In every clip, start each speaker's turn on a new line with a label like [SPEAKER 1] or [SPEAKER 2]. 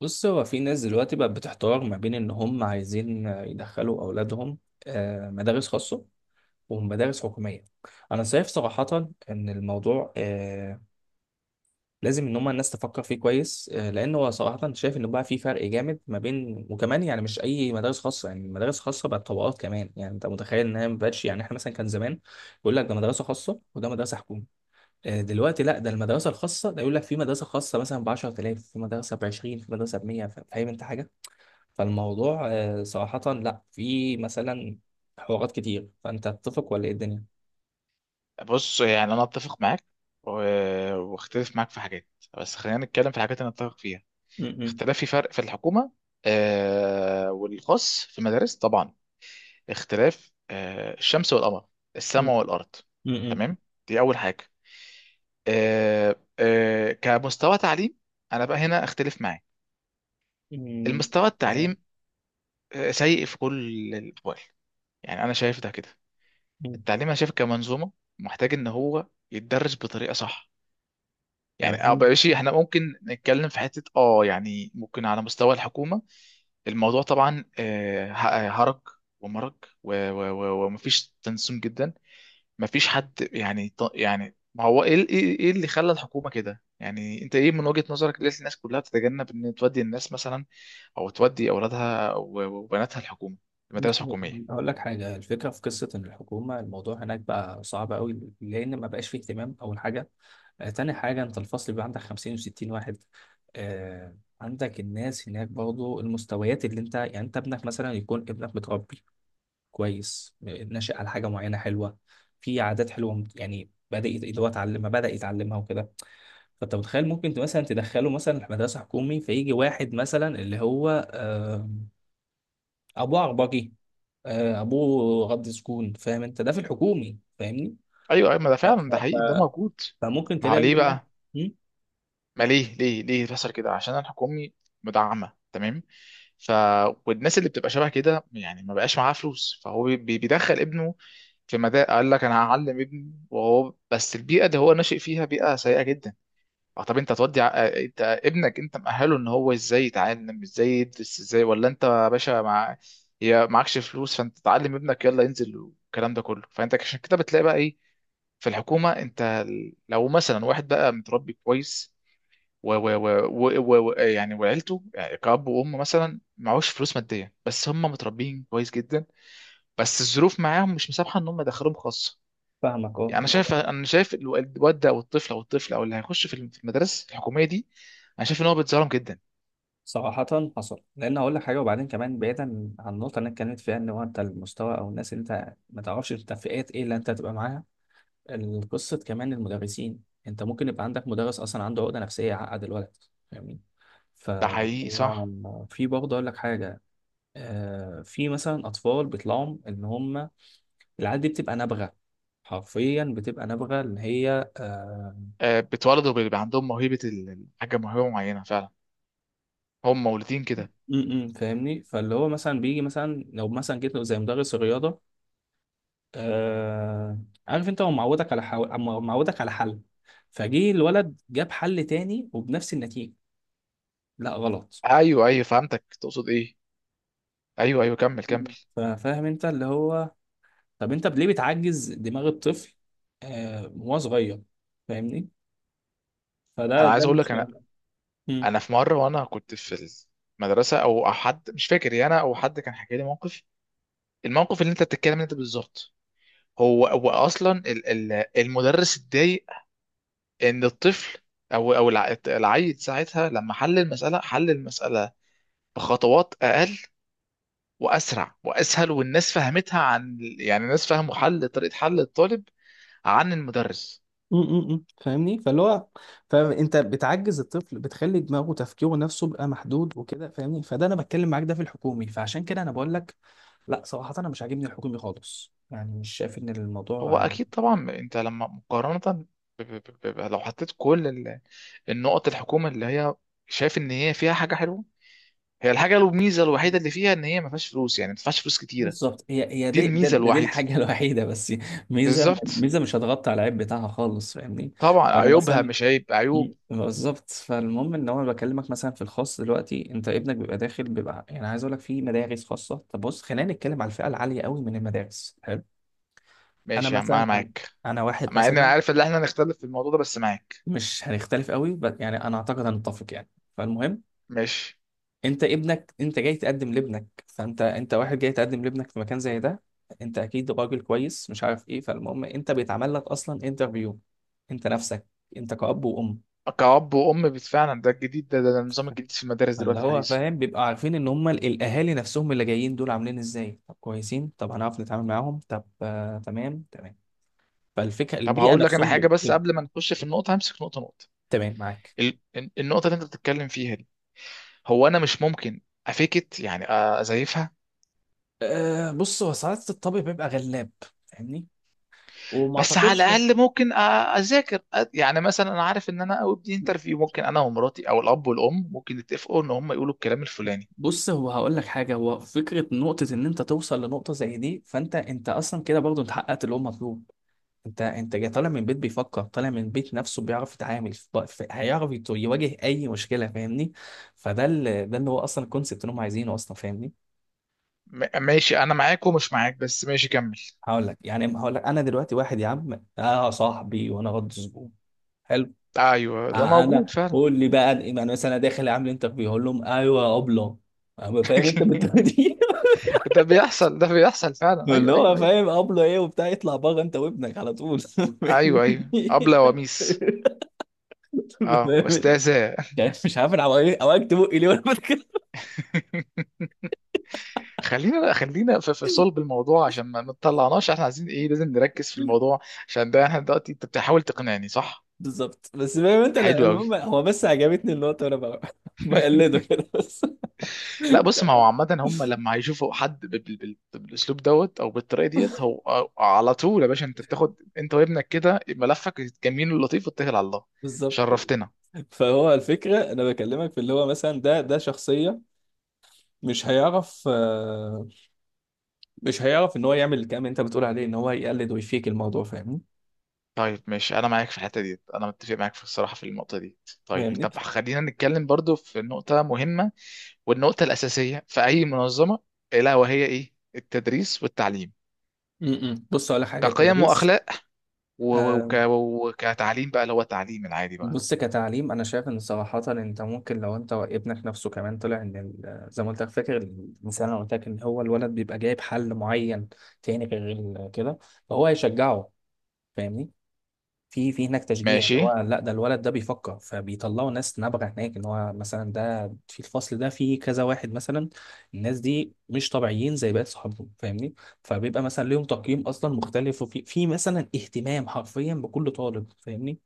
[SPEAKER 1] بص هو في ناس دلوقتي بقت بتحتار ما بين ان هم عايزين يدخلوا اولادهم، مدارس خاصه ومدارس حكوميه. انا شايف صراحه ان الموضوع لازم ان هم الناس تفكر فيه كويس، لان هو صراحه شايف انه بقى في فرق جامد ما بين، وكمان يعني مش اي مدارس خاصه، يعني مدارس خاصه بقت طبقات كمان، يعني انت متخيل انها ما بقتش، يعني احنا مثلا كان زمان يقول لك ده مدرسه خاصه وده مدرسه حكومه. دلوقتي لا، ده المدرسه الخاصه ده يقول لك في مدرسه خاصه مثلا ب 10,000، في مدرسه ب 20، في مدرسه ب 100. فاهم انت حاجه؟ فالموضوع صراحة لا، في مثلا حوارات كتير، فأنت تتفق ولا إيه الدنيا؟
[SPEAKER 2] بص يعني انا اتفق معاك و- واختلف معاك في حاجات. بس خلينا نتكلم في الحاجات اللي نتفق فيها.
[SPEAKER 1] م-
[SPEAKER 2] اختلاف في فرق، في الحكومه والخاص في المدارس طبعا. اختلاف، الشمس والقمر،
[SPEAKER 1] م-
[SPEAKER 2] السماء والارض.
[SPEAKER 1] م-
[SPEAKER 2] تمام، دي اول حاجه. كمستوى تعليم انا بقى هنا اختلف معاك.
[SPEAKER 1] م-
[SPEAKER 2] المستوى
[SPEAKER 1] تمام.
[SPEAKER 2] التعليم سيء في كل الاحوال. يعني انا شايف ده كده.
[SPEAKER 1] م-
[SPEAKER 2] التعليم انا شايف كمنظومه محتاج ان هو يتدرس بطريقه صح. يعني أو
[SPEAKER 1] تمام.
[SPEAKER 2] ماشي، احنا ممكن نتكلم في حتة يعني ممكن على مستوى الحكومة. الموضوع طبعا، هرج ومرج، و ومفيش تنسيق جدا. مفيش حد، يعني ما هو ايه، إيه اللي خلى الحكومة كده؟ يعني انت ايه من وجهة نظرك، ليه الناس كلها تتجنب ان تودي الناس مثلا، او تودي اولادها وبناتها الحكومة،
[SPEAKER 1] بص
[SPEAKER 2] المدارس الحكومية؟
[SPEAKER 1] هقول لك حاجة، الفكرة في قصة إن الحكومة الموضوع هناك بقى صعب قوي، لأن ما بقاش فيه اهتمام أول حاجة. تاني حاجة أنت الفصل بيبقى عندك 50 و60 واحد. آه، عندك الناس هناك برضه المستويات اللي أنت، يعني أنت ابنك مثلا يكون ابنك متربي كويس، ناشئ على حاجه معينه حلوه، في عادات حلوه، يعني اللي هو اتعلم ما بدا يتعلمها وكده. فانت متخيل ممكن مثلا تدخله مثلا مدرسه حكومي، فيجي واحد مثلا اللي هو، آه، ابوه عربجي، ابوه غض سكون. فاهم انت ده في الحكومي؟ فاهمني؟
[SPEAKER 2] ايوه ايوه، ما ده
[SPEAKER 1] ف-
[SPEAKER 2] فعلا،
[SPEAKER 1] ف-
[SPEAKER 2] ده حقيقي، ده
[SPEAKER 1] ف-
[SPEAKER 2] موجود.
[SPEAKER 1] فممكن
[SPEAKER 2] ما هو
[SPEAKER 1] تلاقي
[SPEAKER 2] ليه
[SPEAKER 1] ابنك.
[SPEAKER 2] بقى؟
[SPEAKER 1] مم؟
[SPEAKER 2] ما ليه ليه بيحصل كده؟ عشان الحكومي مدعمه، تمام. ف والناس اللي بتبقى شبه كده يعني ما بقاش معاها فلوس، فهو بيدخل ابنه في مدى. قال لك انا هعلم ابني وهو، بس البيئه اللي هو ناشئ فيها بيئه سيئه جدا. اه طب انت تودي انت ابنك، انت مأهله ان هو ازاي يتعلم، ازاي يدرس ازاي؟ ولا انت يا باشا، مع يا معكش فلوس، فانت تعلم ابنك يلا ينزل والكلام ده كله، فانت عشان كده بتلاقي بقى ايه في الحكومه. انت لو مثلا واحد بقى متربي كويس يعني، وعيلته يعني كأب وأم مثلا معهوش فلوس مادية، بس هم متربيين كويس جدا، بس الظروف معاهم مش مسامحة إن هم يدخلوهم خاصة.
[SPEAKER 1] فاهمك اه.
[SPEAKER 2] يعني أنا شايف الواد ده، أو الطفل، أو اللي هيخش في في المدارس الحكومية دي، أنا شايف إن هو بيتظلم جدا.
[SPEAKER 1] صراحة حصل، لأن هقول لك حاجة. وبعدين كمان بعيدا عن النقطة اللي أنا اتكلمت فيها، إن هو أنت المستوى أو الناس اللي أنت ما تعرفش أنت فئات إيه اللي أنت هتبقى معاها. القصة كمان المدرسين، انت ممكن يبقى عندك مدرس اصلا عنده عقدة نفسية يعقد الولد. فاهمني؟
[SPEAKER 2] ده حقيقي صح.
[SPEAKER 1] فهو في برضه اقول لك حاجة، في مثلا اطفال بيطلعوا ان هم، العيال دي بتبقى نابغة، حرفيا بتبقى نابغة اللي هي
[SPEAKER 2] آه، بيتولدوا بيبقى عندهم الحاجة، موهبة معينة فعلا، هم مولودين كده.
[SPEAKER 1] م- م، فاهمني، فاللي هو مثلا بيجي مثلا لو مثلا جيت له زي مدرس الرياضة، آه، عارف انت هو معودك على حل. فجه الولد جاب حل تاني وبنفس النتيجة، لا غلط.
[SPEAKER 2] أيوه أيوه فهمتك تقصد إيه. أيوه أيوه، كمل كمل.
[SPEAKER 1] فاهم انت اللي هو، طب انت ليه بتعجز دماغ الطفل وهو صغير؟ فاهمني؟ فده
[SPEAKER 2] أنا
[SPEAKER 1] ده
[SPEAKER 2] عايز أقول لك،
[SPEAKER 1] المشكله.
[SPEAKER 2] أنا
[SPEAKER 1] مم.
[SPEAKER 2] انا في مره وانا كنت في المدرسه، او أو حد مش فاكر يعني، انا او حد كان حكى لي موقف، الموقف اللي انت بتتكلم انت بالظبط. هو هو اصلا، المدرس اتضايق ان الطفل، او العيل ساعتها، لما حل المساله بخطوات اقل واسرع واسهل، والناس فهمتها، عن يعني الناس فهموا حل طريقه حل الطالب عن المدرس.
[SPEAKER 1] فاهمني، فاللي هو، فانت بتعجز الطفل بتخلي دماغه تفكيره نفسه بقى محدود وكده. فاهمني؟ فده انا بتكلم معاك ده في الحكومي، فعشان كده انا بقول لك لا، صراحه انا مش عاجبني الحكومي خالص، يعني مش شايف ان
[SPEAKER 2] هو
[SPEAKER 1] الموضوع
[SPEAKER 2] اكيد طبعا، انت لما مقارنه، لو حطيت كل النقط، الحكومه اللي هي، شايف ان هي فيها حاجه حلوه، هي الميزه الوحيده اللي فيها، ان هي ما فيهاش فلوس، يعني ما تدفعش فلوس كتيره.
[SPEAKER 1] بالظبط. هي هي
[SPEAKER 2] دي
[SPEAKER 1] دي ده,
[SPEAKER 2] الميزه
[SPEAKER 1] ده دي
[SPEAKER 2] الوحيده.
[SPEAKER 1] الحاجه الوحيده بس. ميزه
[SPEAKER 2] بالظبط،
[SPEAKER 1] ميزه مش هتغطي على العيب بتاعها خالص. فاهمني؟
[SPEAKER 2] طبعا
[SPEAKER 1] فانا
[SPEAKER 2] عيوبها
[SPEAKER 1] مثلا،
[SPEAKER 2] مش عيب، عيوب.
[SPEAKER 1] مم. بالظبط. فالمهم ان هو بكلمك مثلا في الخاص دلوقتي، انت ابنك بيبقى داخل بيبقى، يعني عايز اقول لك في مدارس خاصه. طب بص خلينا نتكلم على الفئه العاليه قوي من المدارس. حلو. انا
[SPEAKER 2] ماشي يا عم انا
[SPEAKER 1] مثلا، انا
[SPEAKER 2] معاك،
[SPEAKER 1] أنا واحد
[SPEAKER 2] مع ان انا
[SPEAKER 1] مثلا.
[SPEAKER 2] عارف ان احنا هنختلف في الموضوع ده، بس معاك.
[SPEAKER 1] مش هنختلف قوي بس يعني انا اعتقد هنتفق يعني. فالمهم،
[SPEAKER 2] ماشي.
[SPEAKER 1] انت ابنك انت جاي تقدم لابنك، فانت واحد جاي تقدم لابنك في مكان زي ده. انت اكيد راجل كويس، مش عارف ايه. فالمهم، انت بيتعمل لك اصلا انترفيو، انت نفسك، انت كأب وأم.
[SPEAKER 2] كأب وأم فعلا، ده الجديد، ده النظام الجديد في المدارس
[SPEAKER 1] فاللي
[SPEAKER 2] دلوقتي
[SPEAKER 1] هو
[SPEAKER 2] الحديثة.
[SPEAKER 1] فاهم بيبقى عارفين ان هم الاهالي نفسهم اللي جايين دول عاملين ازاي، طب كويسين، طب هنعرف نتعامل معاهم، طب تمام تمام. فالفكره
[SPEAKER 2] طب
[SPEAKER 1] البيئه
[SPEAKER 2] هقول لك أنا
[SPEAKER 1] نفسهم
[SPEAKER 2] حاجة، بس قبل ما نخش في النقطة همسك نقطة نقطة.
[SPEAKER 1] تمام معاك.
[SPEAKER 2] ال- النقطة اللي أنت بتتكلم فيها دي، هو أنا مش ممكن أفيكت، يعني أزيفها.
[SPEAKER 1] بص هو ساعات الطبع بيبقى غلاب. فاهمني؟ وما
[SPEAKER 2] بس على
[SPEAKER 1] اعتقدش.
[SPEAKER 2] الاقل ممكن اذاكر يعني مثلا، انا عارف ان انا ابني انترفيو، ممكن انا ومراتي او الاب والام ممكن يتفقوا ان هم يقولوا الكلام الفلاني.
[SPEAKER 1] بص هو هقول لك حاجه، هو فكره نقطه ان انت توصل لنقطه زي دي، فانت اصلا كده برضو انت حققت اللي هو مطلوب. انت جاي طالع من بيت بيفكر، طالع من بيت نفسه، بيعرف يتعامل في هيعرف يواجه اي مشكله. فاهمني؟ فده ده اللي هو اصلا الكونسيبت اللي هم عايزينه اصلا. فاهمني؟
[SPEAKER 2] ماشي انا معاك ومش معاك، بس ماشي كمل.
[SPEAKER 1] هقول لك يعني هقول لك انا دلوقتي واحد يا عم اه صاحبي وانا غض زبون. حلو.
[SPEAKER 2] ايوه ده موجود
[SPEAKER 1] انا
[SPEAKER 2] فعلا.
[SPEAKER 1] قول لي بقى، انا يعني مثلا انا داخل اعمل انترفيو اقول لهم ايوه يا ابله، أما فاهم انت بالطريقه دي.
[SPEAKER 2] ده بيحصل فعلا،
[SPEAKER 1] اللي
[SPEAKER 2] ايوه
[SPEAKER 1] هو
[SPEAKER 2] ايوه ايوه.
[SPEAKER 1] فاهم ابله ايه وبتاع، يطلع بره انت وابنك على طول
[SPEAKER 2] ايوه
[SPEAKER 1] فاهمني؟
[SPEAKER 2] ايوه، ابله وميس، اه استاذه.
[SPEAKER 1] يعني مش عارف انا، عواجبت بقي ليه وانا بتكلم.
[SPEAKER 2] خلينا في, في صلب الموضوع، عشان ما تطلعناش، احنا عايزين ايه؟ لازم نركز في الموضوع، عشان ده احنا دلوقتي انت بتحاول تقنعني، صح؟
[SPEAKER 1] بالظبط. بس فاهم انت، لا،
[SPEAKER 2] حلو قوي.
[SPEAKER 1] المهم هو بس عجبتني النقطة، وانا بقلده كده بس.
[SPEAKER 2] لا بص، ما هو عامة هم لما هيشوفوا حد بالاسلوب دوت او بالطريقة ديت، هو على طول يا باشا انت بتاخد انت وابنك كده ملفك الجميل اللطيف واتكل على الله.
[SPEAKER 1] بالظبط.
[SPEAKER 2] شرفتنا.
[SPEAKER 1] فهو الفكرة انا بكلمك في اللي هو مثلا، ده شخصية مش هيعرف مش هيعرف ان هو يعمل الكلام اللي انت بتقول عليه، ان هو يقلد ويفيك الموضوع. فاهمني؟
[SPEAKER 2] طيب ماشي انا معاك في الحتة ديت، انا متفق معاك في الصراحة في النقطة دي. طيب
[SPEAKER 1] فاهمني؟
[SPEAKER 2] طب خلينا نتكلم برضو في نقطة مهمة، والنقطة الأساسية في أي منظمة، الا وهي ايه؟ التدريس والتعليم،
[SPEAKER 1] م. بص اقول لك حاجة،
[SPEAKER 2] كقيم
[SPEAKER 1] التدريس.
[SPEAKER 2] وأخلاق، وكتعليم بقى، اللي هو التعليم العادي بقى.
[SPEAKER 1] بص كتعليم، انا شايف ان صراحه انت ممكن لو انت ابنك نفسه كمان طلع ان زي ما قلت لك فاكر الانسان، انا قلت لك ان هو الولد بيبقى جايب حل معين تاني غير كده. فهو هيشجعه. فاهمني؟ في هناك تشجيع اللي
[SPEAKER 2] ماشي.
[SPEAKER 1] هو لا ده الولد ده بيفكر، فبيطلعوا ناس نابغه هناك، ان هو مثلا ده في الفصل ده في كذا واحد مثلا. الناس دي مش طبيعيين زي باقي صحابهم. فاهمني؟ فبيبقى مثلا ليهم تقييم اصلا مختلف، وفي مثلا اهتمام حرفيا بكل طالب. فاهمني؟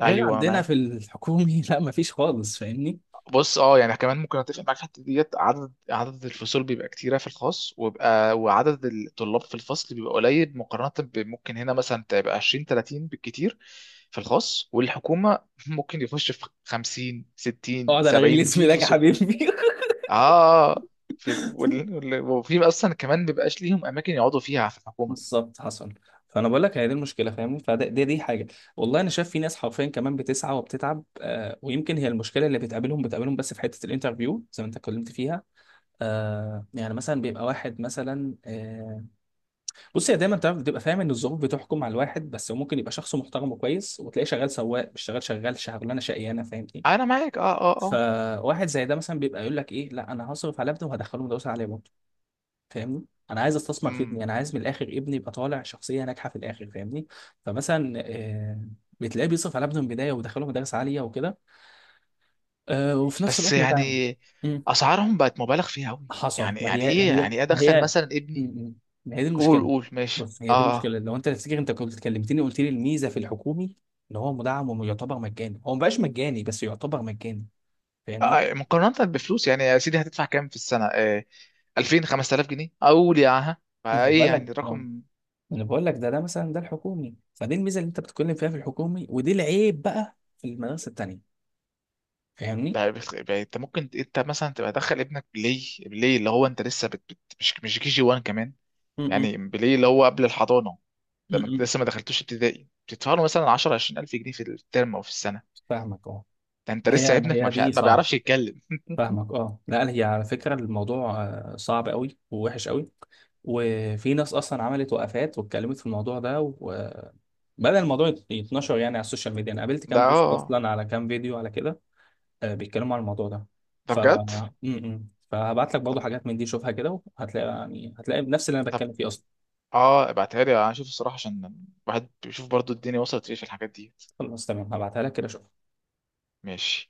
[SPEAKER 1] غير
[SPEAKER 2] ايوه
[SPEAKER 1] عندنا
[SPEAKER 2] معاك.
[SPEAKER 1] في الحكومي لا، مفيش خالص. فاهمني؟
[SPEAKER 2] بص اه، يعني كمان ممكن اتفق معاك في الحته ديت، عدد الفصول بيبقى كتيره في الخاص، ويبقى وعدد الطلاب في الفصل بيبقى قليل مقارنه، بممكن هنا مثلا تبقى 20 30 بالكتير في الخاص، والحكومه ممكن يخش في 50 60
[SPEAKER 1] اقعد على رجل
[SPEAKER 2] 70
[SPEAKER 1] اسمي
[SPEAKER 2] وفي
[SPEAKER 1] يا
[SPEAKER 2] فصول.
[SPEAKER 1] حبيبي.
[SPEAKER 2] اه في وفي اصلا كمان بيبقاش ليهم اماكن يقعدوا فيها في الحكومه.
[SPEAKER 1] بالظبط حصل. فانا بقول لك هي دي المشكله. فاهمني؟ فده دي حاجه. والله انا شايف في ناس حرفيا كمان بتسعى وبتتعب، آه ويمكن هي المشكله اللي بتقابلهم بس في حته الانترفيو زي ما انت اتكلمت فيها. يعني مثلا بيبقى واحد مثلا بص هي دايما تعرف بتبقى فاهم ان الظروف بتحكم على الواحد، بس هو ممكن يبقى شخص محترم وكويس، وتلاقيه شغال سواق مش شغال، شغال شغلانه شقيانه. فاهم؟
[SPEAKER 2] انا معاك اه اه اه.
[SPEAKER 1] فواحد زي ده مثلا بيبقى يقول لك ايه، لا انا هصرف على ابني وهدخله مدرسه عاليه برضه. فاهمني؟ انا عايز استثمر في ابني،
[SPEAKER 2] امم.
[SPEAKER 1] انا عايز من الاخر ابني يبقى طالع شخصيه ناجحه في الاخر. فاهمني؟ فمثلا بتلاقيه بيصرف على ابنه من البدايه ويدخله مدارس عاليه وكده، وفي نفس
[SPEAKER 2] بس
[SPEAKER 1] الوقت بتاع،
[SPEAKER 2] يعني اسعارهم بقت مبالغ فيها قوي،
[SPEAKER 1] حصل.
[SPEAKER 2] يعني
[SPEAKER 1] ما هي هي
[SPEAKER 2] يعني ايه؟
[SPEAKER 1] ما
[SPEAKER 2] ادخل
[SPEAKER 1] هي
[SPEAKER 2] مثلا ابني،
[SPEAKER 1] مم. ما هي دي
[SPEAKER 2] قول
[SPEAKER 1] المشكله.
[SPEAKER 2] قول ماشي
[SPEAKER 1] بص هي دي
[SPEAKER 2] اه.
[SPEAKER 1] المشكله، لو انت تفتكر انت كنت كلمتني قلت لي الميزه في الحكومي ان هو مدعم ويعتبر مجاني، هو ما بقاش مجاني بس يعتبر مجاني.
[SPEAKER 2] آه،
[SPEAKER 1] فاهمني؟
[SPEAKER 2] مقارنة بفلوس، يعني يا سيدي هتدفع كام في السنة؟ آه، 2000 5000 جنيه، اقول يا عها
[SPEAKER 1] ما
[SPEAKER 2] فايه،
[SPEAKER 1] بقول لك
[SPEAKER 2] يعني
[SPEAKER 1] آه.
[SPEAKER 2] رقم.
[SPEAKER 1] انا بقول لك، ده مثلا ده الحكومي، فدي الميزه اللي انت بتتكلم فيها في الحكومي، ودي العيب بقى في المدارس التانيه. فاهمني؟
[SPEAKER 2] لا، انت ممكن انت مثلا تبقى دخل ابنك بلاي بلاي، اللي هو انت لسه مش كي جي 1 كمان.
[SPEAKER 1] م-م.
[SPEAKER 2] يعني بلاي اللي هو قبل الحضانة، لما انت
[SPEAKER 1] م-م.
[SPEAKER 2] لسه ما دخلتوش ابتدائي، بتدفع له مثلا 10 20000 جنيه في الترم او في السنة.
[SPEAKER 1] فاهمك اه.
[SPEAKER 2] ده انت لسه
[SPEAKER 1] ما
[SPEAKER 2] ابنك
[SPEAKER 1] هي دي
[SPEAKER 2] ما
[SPEAKER 1] صعب.
[SPEAKER 2] بيعرفش يتكلم.
[SPEAKER 1] فاهمك اه، لا هي على فكره الموضوع صعب قوي ووحش قوي. وفي ناس اصلا عملت وقفات واتكلمت في الموضوع ده، وبدأ الموضوع يتنشر يعني على السوشيال ميديا. انا قابلت
[SPEAKER 2] ده
[SPEAKER 1] كام
[SPEAKER 2] اه
[SPEAKER 1] بوست
[SPEAKER 2] آه.
[SPEAKER 1] اصلا، على كام فيديو، على كده، بيتكلموا على الموضوع ده.
[SPEAKER 2] ده
[SPEAKER 1] ف
[SPEAKER 2] بجد.
[SPEAKER 1] م-م. فهبعت لك
[SPEAKER 2] طب
[SPEAKER 1] برضه حاجات من دي، شوفها كده، وهتلاقي يعني هتلاقي نفس اللي انا
[SPEAKER 2] طب
[SPEAKER 1] بتكلم فيه اصلا.
[SPEAKER 2] اه ابعتها لي انا اشوف الصراحه، عشان الواحد بيشوف برضو الدنيا وصلت ليه في الحاجات دي.
[SPEAKER 1] خلاص تمام، هبعتها لك كده.
[SPEAKER 2] ماشي.